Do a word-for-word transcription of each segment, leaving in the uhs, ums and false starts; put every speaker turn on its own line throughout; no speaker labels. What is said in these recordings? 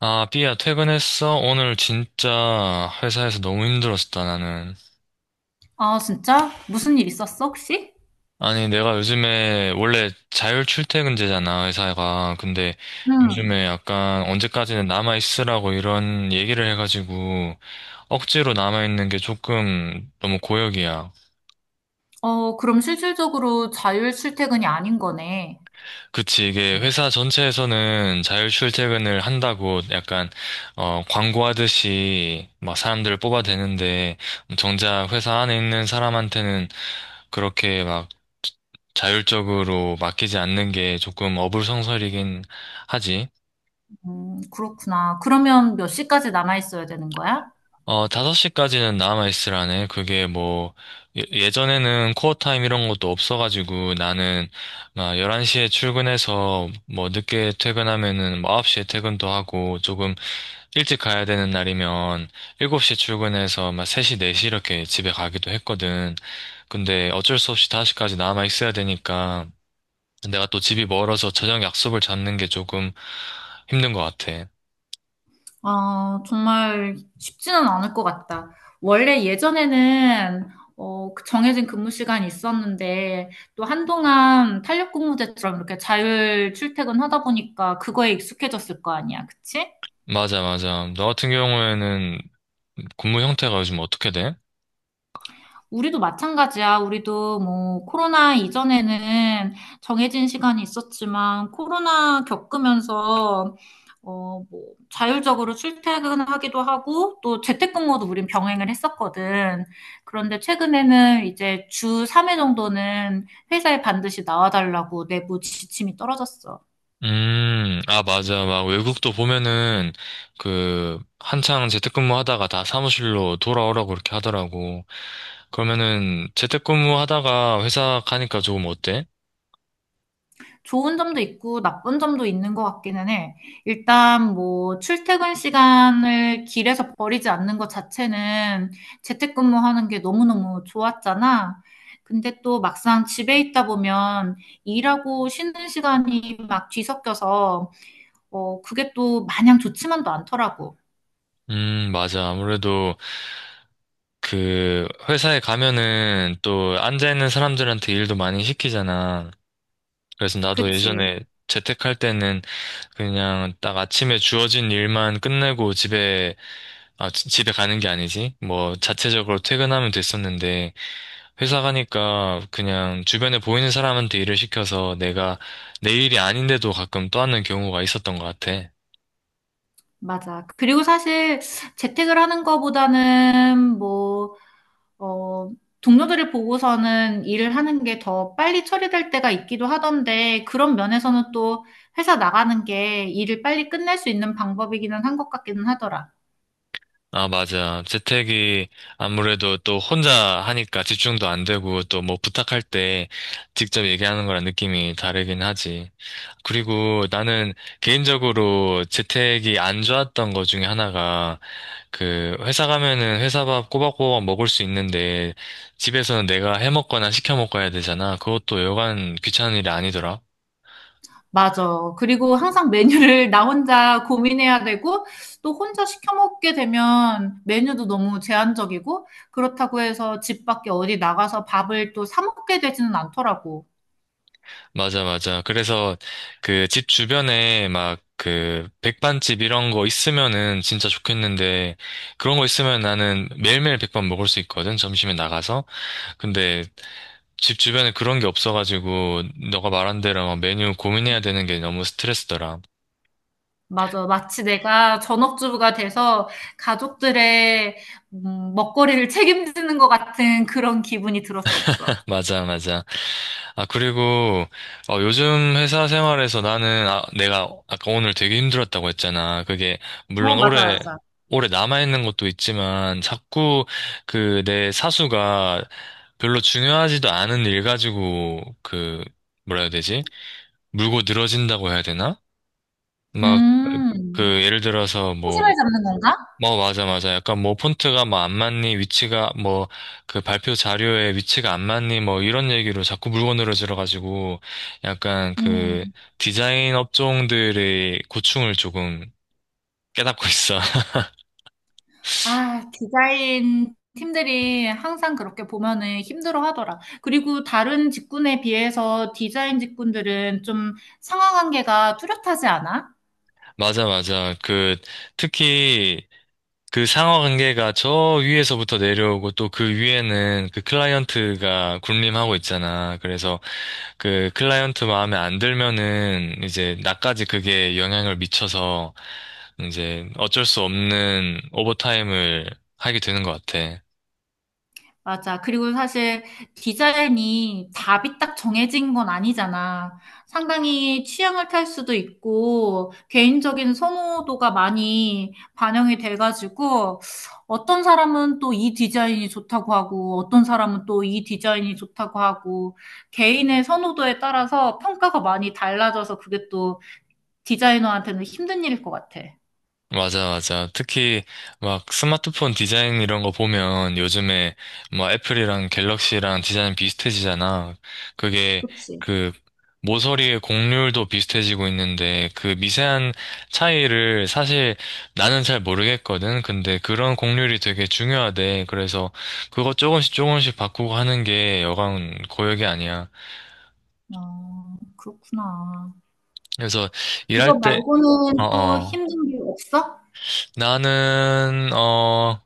아, 삐야, 퇴근했어? 오늘 진짜 회사에서 너무 힘들었다, 나는.
아, 진짜? 무슨 일 있었어, 혹시?
아니, 내가 요즘에 원래 자율 출퇴근제잖아, 회사가. 근데
응.
요즘에 약간 언제까지는 남아있으라고 이런 얘기를 해가지고 억지로 남아있는 게 조금 너무 고역이야.
어, 그럼 실질적으로 자율 출퇴근이 아닌 거네.
그치, 이게 회사 전체에서는 자율 출퇴근을 한다고 약간, 어, 광고하듯이 막 사람들을 뽑아대는데 정작 회사 안에 있는 사람한테는 그렇게 막 자율적으로 맡기지 않는 게 조금 어불성설이긴 하지.
음, 그렇구나. 그러면 몇 시까지 남아 있어야 되는 거야?
어, 다섯 시까지는 남아있으라네. 그게 뭐, 예- 예전에는 코어 타임 이런 것도 없어가지고 나는 막 열한 시에 출근해서 뭐 늦게 퇴근하면은 뭐 아홉 시에 퇴근도 하고 조금 일찍 가야 되는 날이면 일곱 시에 출근해서 막 세 시, 네 시 이렇게 집에 가기도 했거든. 근데 어쩔 수 없이 다섯 시까지 남아있어야 되니까 내가 또 집이 멀어서 저녁 약속을 잡는 게 조금 힘든 것 같아.
아, 정말 쉽지는 않을 것 같다. 원래 예전에는 어, 그 정해진 근무 시간이 있었는데 또 한동안 탄력 근무제처럼 이렇게 자율 출퇴근 하다 보니까 그거에 익숙해졌을 거 아니야, 그치?
맞아, 맞아. 너 같은 경우에는 근무 형태가 요즘 어떻게 돼?
우리도 마찬가지야. 우리도 뭐 코로나 이전에는 정해진 시간이 있었지만 코로나 겪으면서 어, 뭐 자율적으로 출퇴근하기도 하고 또 재택근무도 우린 병행을 했었거든. 그런데 최근에는 이제 주 삼 회 정도는 회사에 반드시 나와달라고 내부 지침이 떨어졌어.
음, 아, 맞아. 막 외국도 보면은 그 한창 재택근무 하다가 다 사무실로 돌아오라고 그렇게 하더라고. 그러면은 재택근무 하다가 회사 가니까 조금 어때?
좋은 점도 있고 나쁜 점도 있는 것 같기는 해. 일단 뭐 출퇴근 시간을 길에서 버리지 않는 것 자체는 재택근무하는 게 너무너무 좋았잖아. 근데 또 막상 집에 있다 보면 일하고 쉬는 시간이 막 뒤섞여서 어 그게 또 마냥 좋지만도 않더라고.
음, 맞아. 아무래도 그 회사에 가면은 또 앉아있는 사람들한테 일도 많이 시키잖아. 그래서 나도
그치,
예전에 재택할 때는 그냥 딱 아침에 주어진 일만 끝내고 집에, 아, 지- 집에 가는 게 아니지. 뭐 자체적으로 퇴근하면 됐었는데 회사 가니까 그냥 주변에 보이는 사람한테 일을 시켜서 내가 내 일이 아닌데도 가끔 떠안는 경우가 있었던 것 같아.
맞아. 그리고 사실 재택을 하는 거보다는 뭐 어, 동료들을 보고서는 일을 하는 게 더 빨리 처리될 때가 있기도 하던데, 그런 면에서는 또 회사 나가는 게 일을 빨리 끝낼 수 있는 방법이기는 한 것 같기는 하더라.
아, 맞아. 재택이 아무래도 또 혼자 하니까 집중도 안 되고 또 뭐 부탁할 때 직접 얘기하는 거랑 느낌이 다르긴 하지. 그리고 나는 개인적으로 재택이 안 좋았던 것 중에 하나가 그 회사 가면은 회사 밥 꼬박꼬박 먹을 수 있는데 집에서는 내가 해 먹거나 시켜 먹고 해야 되잖아. 그것도 여간 귀찮은 일이 아니더라.
맞아. 그리고 항상 메뉴를 나 혼자 고민해야 되고, 또 혼자 시켜 먹게 되면 메뉴도 너무 제한적이고, 그렇다고 해서 집 밖에 어디 나가서 밥을 또 사 먹게 되지는 않더라고.
맞아, 맞아. 그래서 그 집 주변에 막 그 백반집 이런 거 있으면은 진짜 좋겠는데 그런 거 있으면 나는 매일매일 백반 먹을 수 있거든. 점심에 나가서. 근데 집 주변에 그런 게 없어가지고 너가 말한 대로 막 메뉴 고민해야 되는 게 너무 스트레스더라.
맞아. 마치 내가 전업주부가 돼서 가족들의 음, 먹거리를 책임지는 것 같은 그런 기분이 들었었어.
맞아, 맞아. 아, 그리고, 어, 요즘 회사 생활에서 나는, 아, 내가 아까 오늘 되게 힘들었다고 했잖아. 그게,
어,
물론
맞아,
올해,
맞아.
올해 남아있는 것도 있지만, 자꾸 그 내 사수가 별로 중요하지도 않은 일 가지고, 그, 뭐라 해야 되지? 물고 늘어진다고 해야 되나? 막, 그,
음,
예를 들어서 뭐,
초심을 잡는 건가?
뭐, 맞아, 맞아. 약간 뭐, 폰트가 뭐, 안 맞니, 위치가 뭐, 그 발표 자료에 위치가 안 맞니, 뭐, 이런 얘기로 자꾸 물건늘어지러가지고, 약간
음,
그, 디자인 업종들의 고충을 조금 깨닫고 있어.
아, 디자인 팀들이 항상 그렇게 보면은 힘들어 하더라. 그리고 다른 직군에 비해서 디자인 직군들은 좀 상하 관계가 뚜렷하지 않아?
맞아, 맞아. 그, 특히, 그 상하 관계가 저 위에서부터 내려오고 또 그 위에는 그 클라이언트가 군림하고 있잖아. 그래서 그 클라이언트 마음에 안 들면은 이제 나까지 그게 영향을 미쳐서 이제 어쩔 수 없는 오버타임을 하게 되는 것 같아.
맞아. 그리고 사실 디자인이 답이 딱 정해진 건 아니잖아. 상당히 취향을 탈 수도 있고, 개인적인 선호도가 많이 반영이 돼가지고, 어떤 사람은 또 이 디자인이 좋다고 하고, 어떤 사람은 또 이 디자인이 좋다고 하고, 개인의 선호도에 따라서 평가가 많이 달라져서 그게 또 디자이너한테는 힘든 일일 것 같아.
맞아, 맞아. 특히 막 스마트폰 디자인 이런 거 보면 요즘에 뭐 애플이랑 갤럭시랑 디자인 비슷해지잖아. 그게
그치.
그 모서리의 곡률도 비슷해지고 있는데 그 미세한 차이를 사실 나는 잘 모르겠거든. 근데 그런 곡률이 되게 중요하대. 그래서 그거 조금씩 조금씩 바꾸고 하는 게 여간 고역이 아니야.
아, 그렇구나.
그래서 일할
그거
때,
말고는 또
어어.
힘든 게 없어?
나는, 어,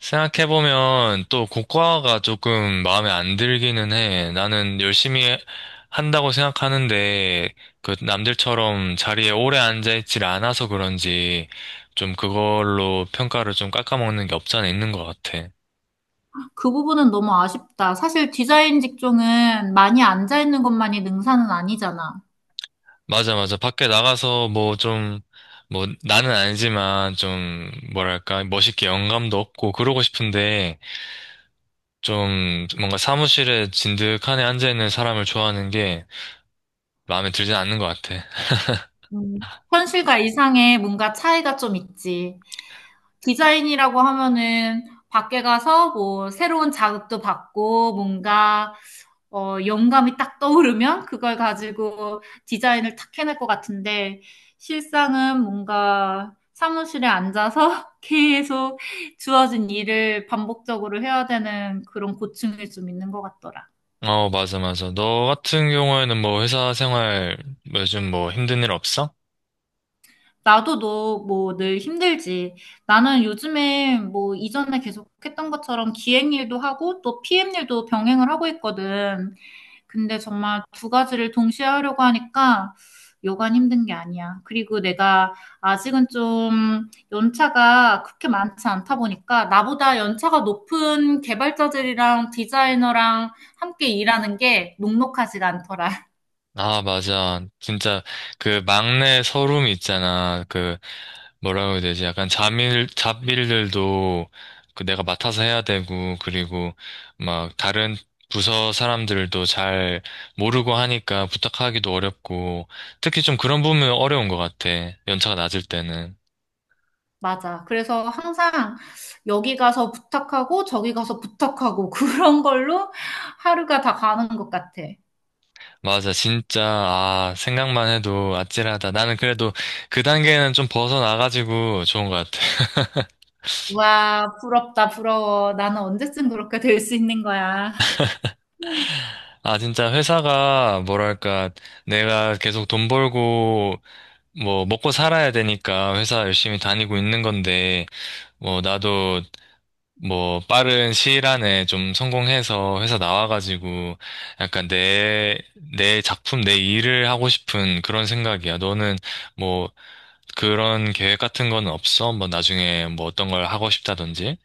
생각해보면 또 국과가 조금 마음에 안 들기는 해. 나는 열심히 한다고 생각하는데, 그 남들처럼 자리에 오래 앉아있질 않아서 그런지, 좀 그걸로 평가를 좀 깎아먹는 게 없지 않아 있는 것 같아.
그 부분은 너무 아쉽다. 사실 디자인 직종은 많이 앉아있는 것만이 능사는 아니잖아.
맞아, 맞아. 밖에 나가서 뭐 좀, 뭐 나는 아니지만 좀, 뭐랄까, 멋있게 영감도 없고 그러고 싶은데, 좀 뭔가 사무실에 진득하니 앉아있는 사람을 좋아하는 게 마음에 들진 않는 것 같아.
음, 현실과 이상의 뭔가 차이가 좀 있지. 디자인이라고 하면은 밖에 가서 뭐 새로운 자극도 받고 뭔가 어, 영감이 딱 떠오르면 그걸 가지고 디자인을 탁 해낼 것 같은데 실상은 뭔가 사무실에 앉아서 계속 주어진 일을 반복적으로 해야 되는 그런 고충이 좀 있는 것 같더라.
어, 맞아, 맞아. 너 같은 경우에는 뭐 회사 생활 요즘 뭐 힘든 일 없어?
나도 너 뭐 늘 힘들지. 나는 요즘에 뭐 이전에 계속 했던 것처럼 기획 일도 하고 또 피엠 일도 병행을 하고 있거든. 근데 정말 두 가지를 동시에 하려고 하니까 여간 힘든 게 아니야. 그리고 내가 아직은 좀 연차가 그렇게 많지 않다 보니까 나보다 연차가 높은 개발자들이랑 디자이너랑 함께 일하는 게 녹록하지가 않더라.
아, 맞아. 진짜 그 막내 서름이 있잖아. 그 뭐라고 해야 되지? 약간 잡일, 잡일들도 그 내가 맡아서 해야 되고, 그리고 막 다른 부서 사람들도 잘 모르고 하니까 부탁하기도 어렵고, 특히 좀 그런 부분은 어려운 것 같아. 연차가 낮을 때는.
맞아. 그래서 항상 여기 가서 부탁하고 저기 가서 부탁하고 그런 걸로 하루가 다 가는 것 같아.
맞아, 진짜, 아, 생각만 해도 아찔하다. 나는 그래도 그 단계는 좀 벗어나가지고 좋은 것 같아.
와, 부럽다, 부러워. 나는 언제쯤 그렇게 될 수 있는 거야.
아, 진짜 회사가 뭐랄까, 내가 계속 돈 벌고 뭐 먹고 살아야 되니까 회사 열심히 다니고 있는 건데 뭐 나도 뭐 빠른 시일 안에 좀 성공해서 회사 나와가지고 약간 내 내 작품 내 일을 하고 싶은 그런 생각이야. 너는 뭐 그런 계획 같은 건 없어? 뭐 나중에 뭐 어떤 걸 하고 싶다든지?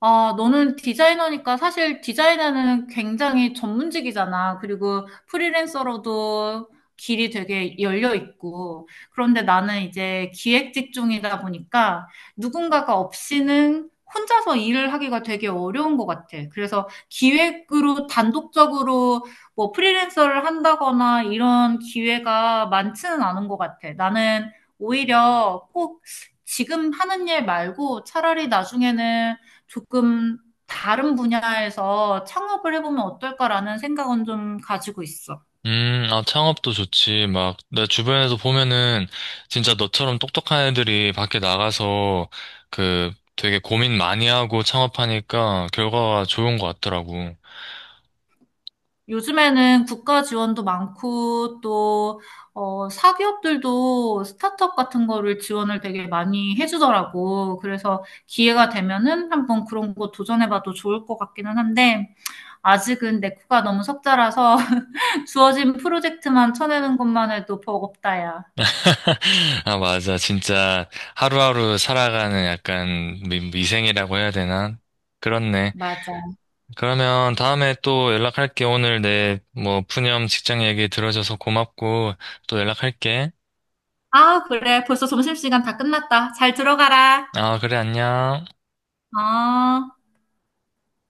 아, 너는 디자이너니까 사실 디자이너는 굉장히 전문직이잖아. 그리고 프리랜서로도 길이 되게 열려 있고. 그런데 나는 이제 기획 직종이다 보니까 누군가가 없이는 혼자서 일을 하기가 되게 어려운 것 같아. 그래서 기획으로 단독적으로 뭐 프리랜서를 한다거나 이런 기회가 많지는 않은 것 같아. 나는 오히려 꼭 지금 하는 일 말고 차라리 나중에는 조금 다른 분야에서 창업을 해보면 어떨까라는 생각은 좀 가지고 있어.
음, 아, 창업도 좋지. 막, 내 주변에서 보면은, 진짜 너처럼 똑똑한 애들이 밖에 나가서, 그, 되게 고민 많이 하고 창업하니까 결과가 좋은 것 같더라고.
요즘에는 국가 지원도 많고 또 어, 사기업들도 스타트업 같은 거를 지원을 되게 많이 해주더라고. 그래서 기회가 되면은 한번 그런 거 도전해봐도 좋을 것 같기는 한데 아직은 내 코가 너무 석자라서 주어진 프로젝트만 쳐내는 것만 해도 버겁다야.
아, 맞아. 진짜 하루하루 살아가는 약간 미, 미생이라고 해야 되나? 그렇네.
맞아.
그러면 다음에 또 연락할게. 오늘 내, 뭐, 푸념 직장 얘기 들어줘서 고맙고, 또 연락할게.
아, 그래. 벌써 점심시간 다 끝났다. 잘 들어가라.
아, 그래, 안녕.
아,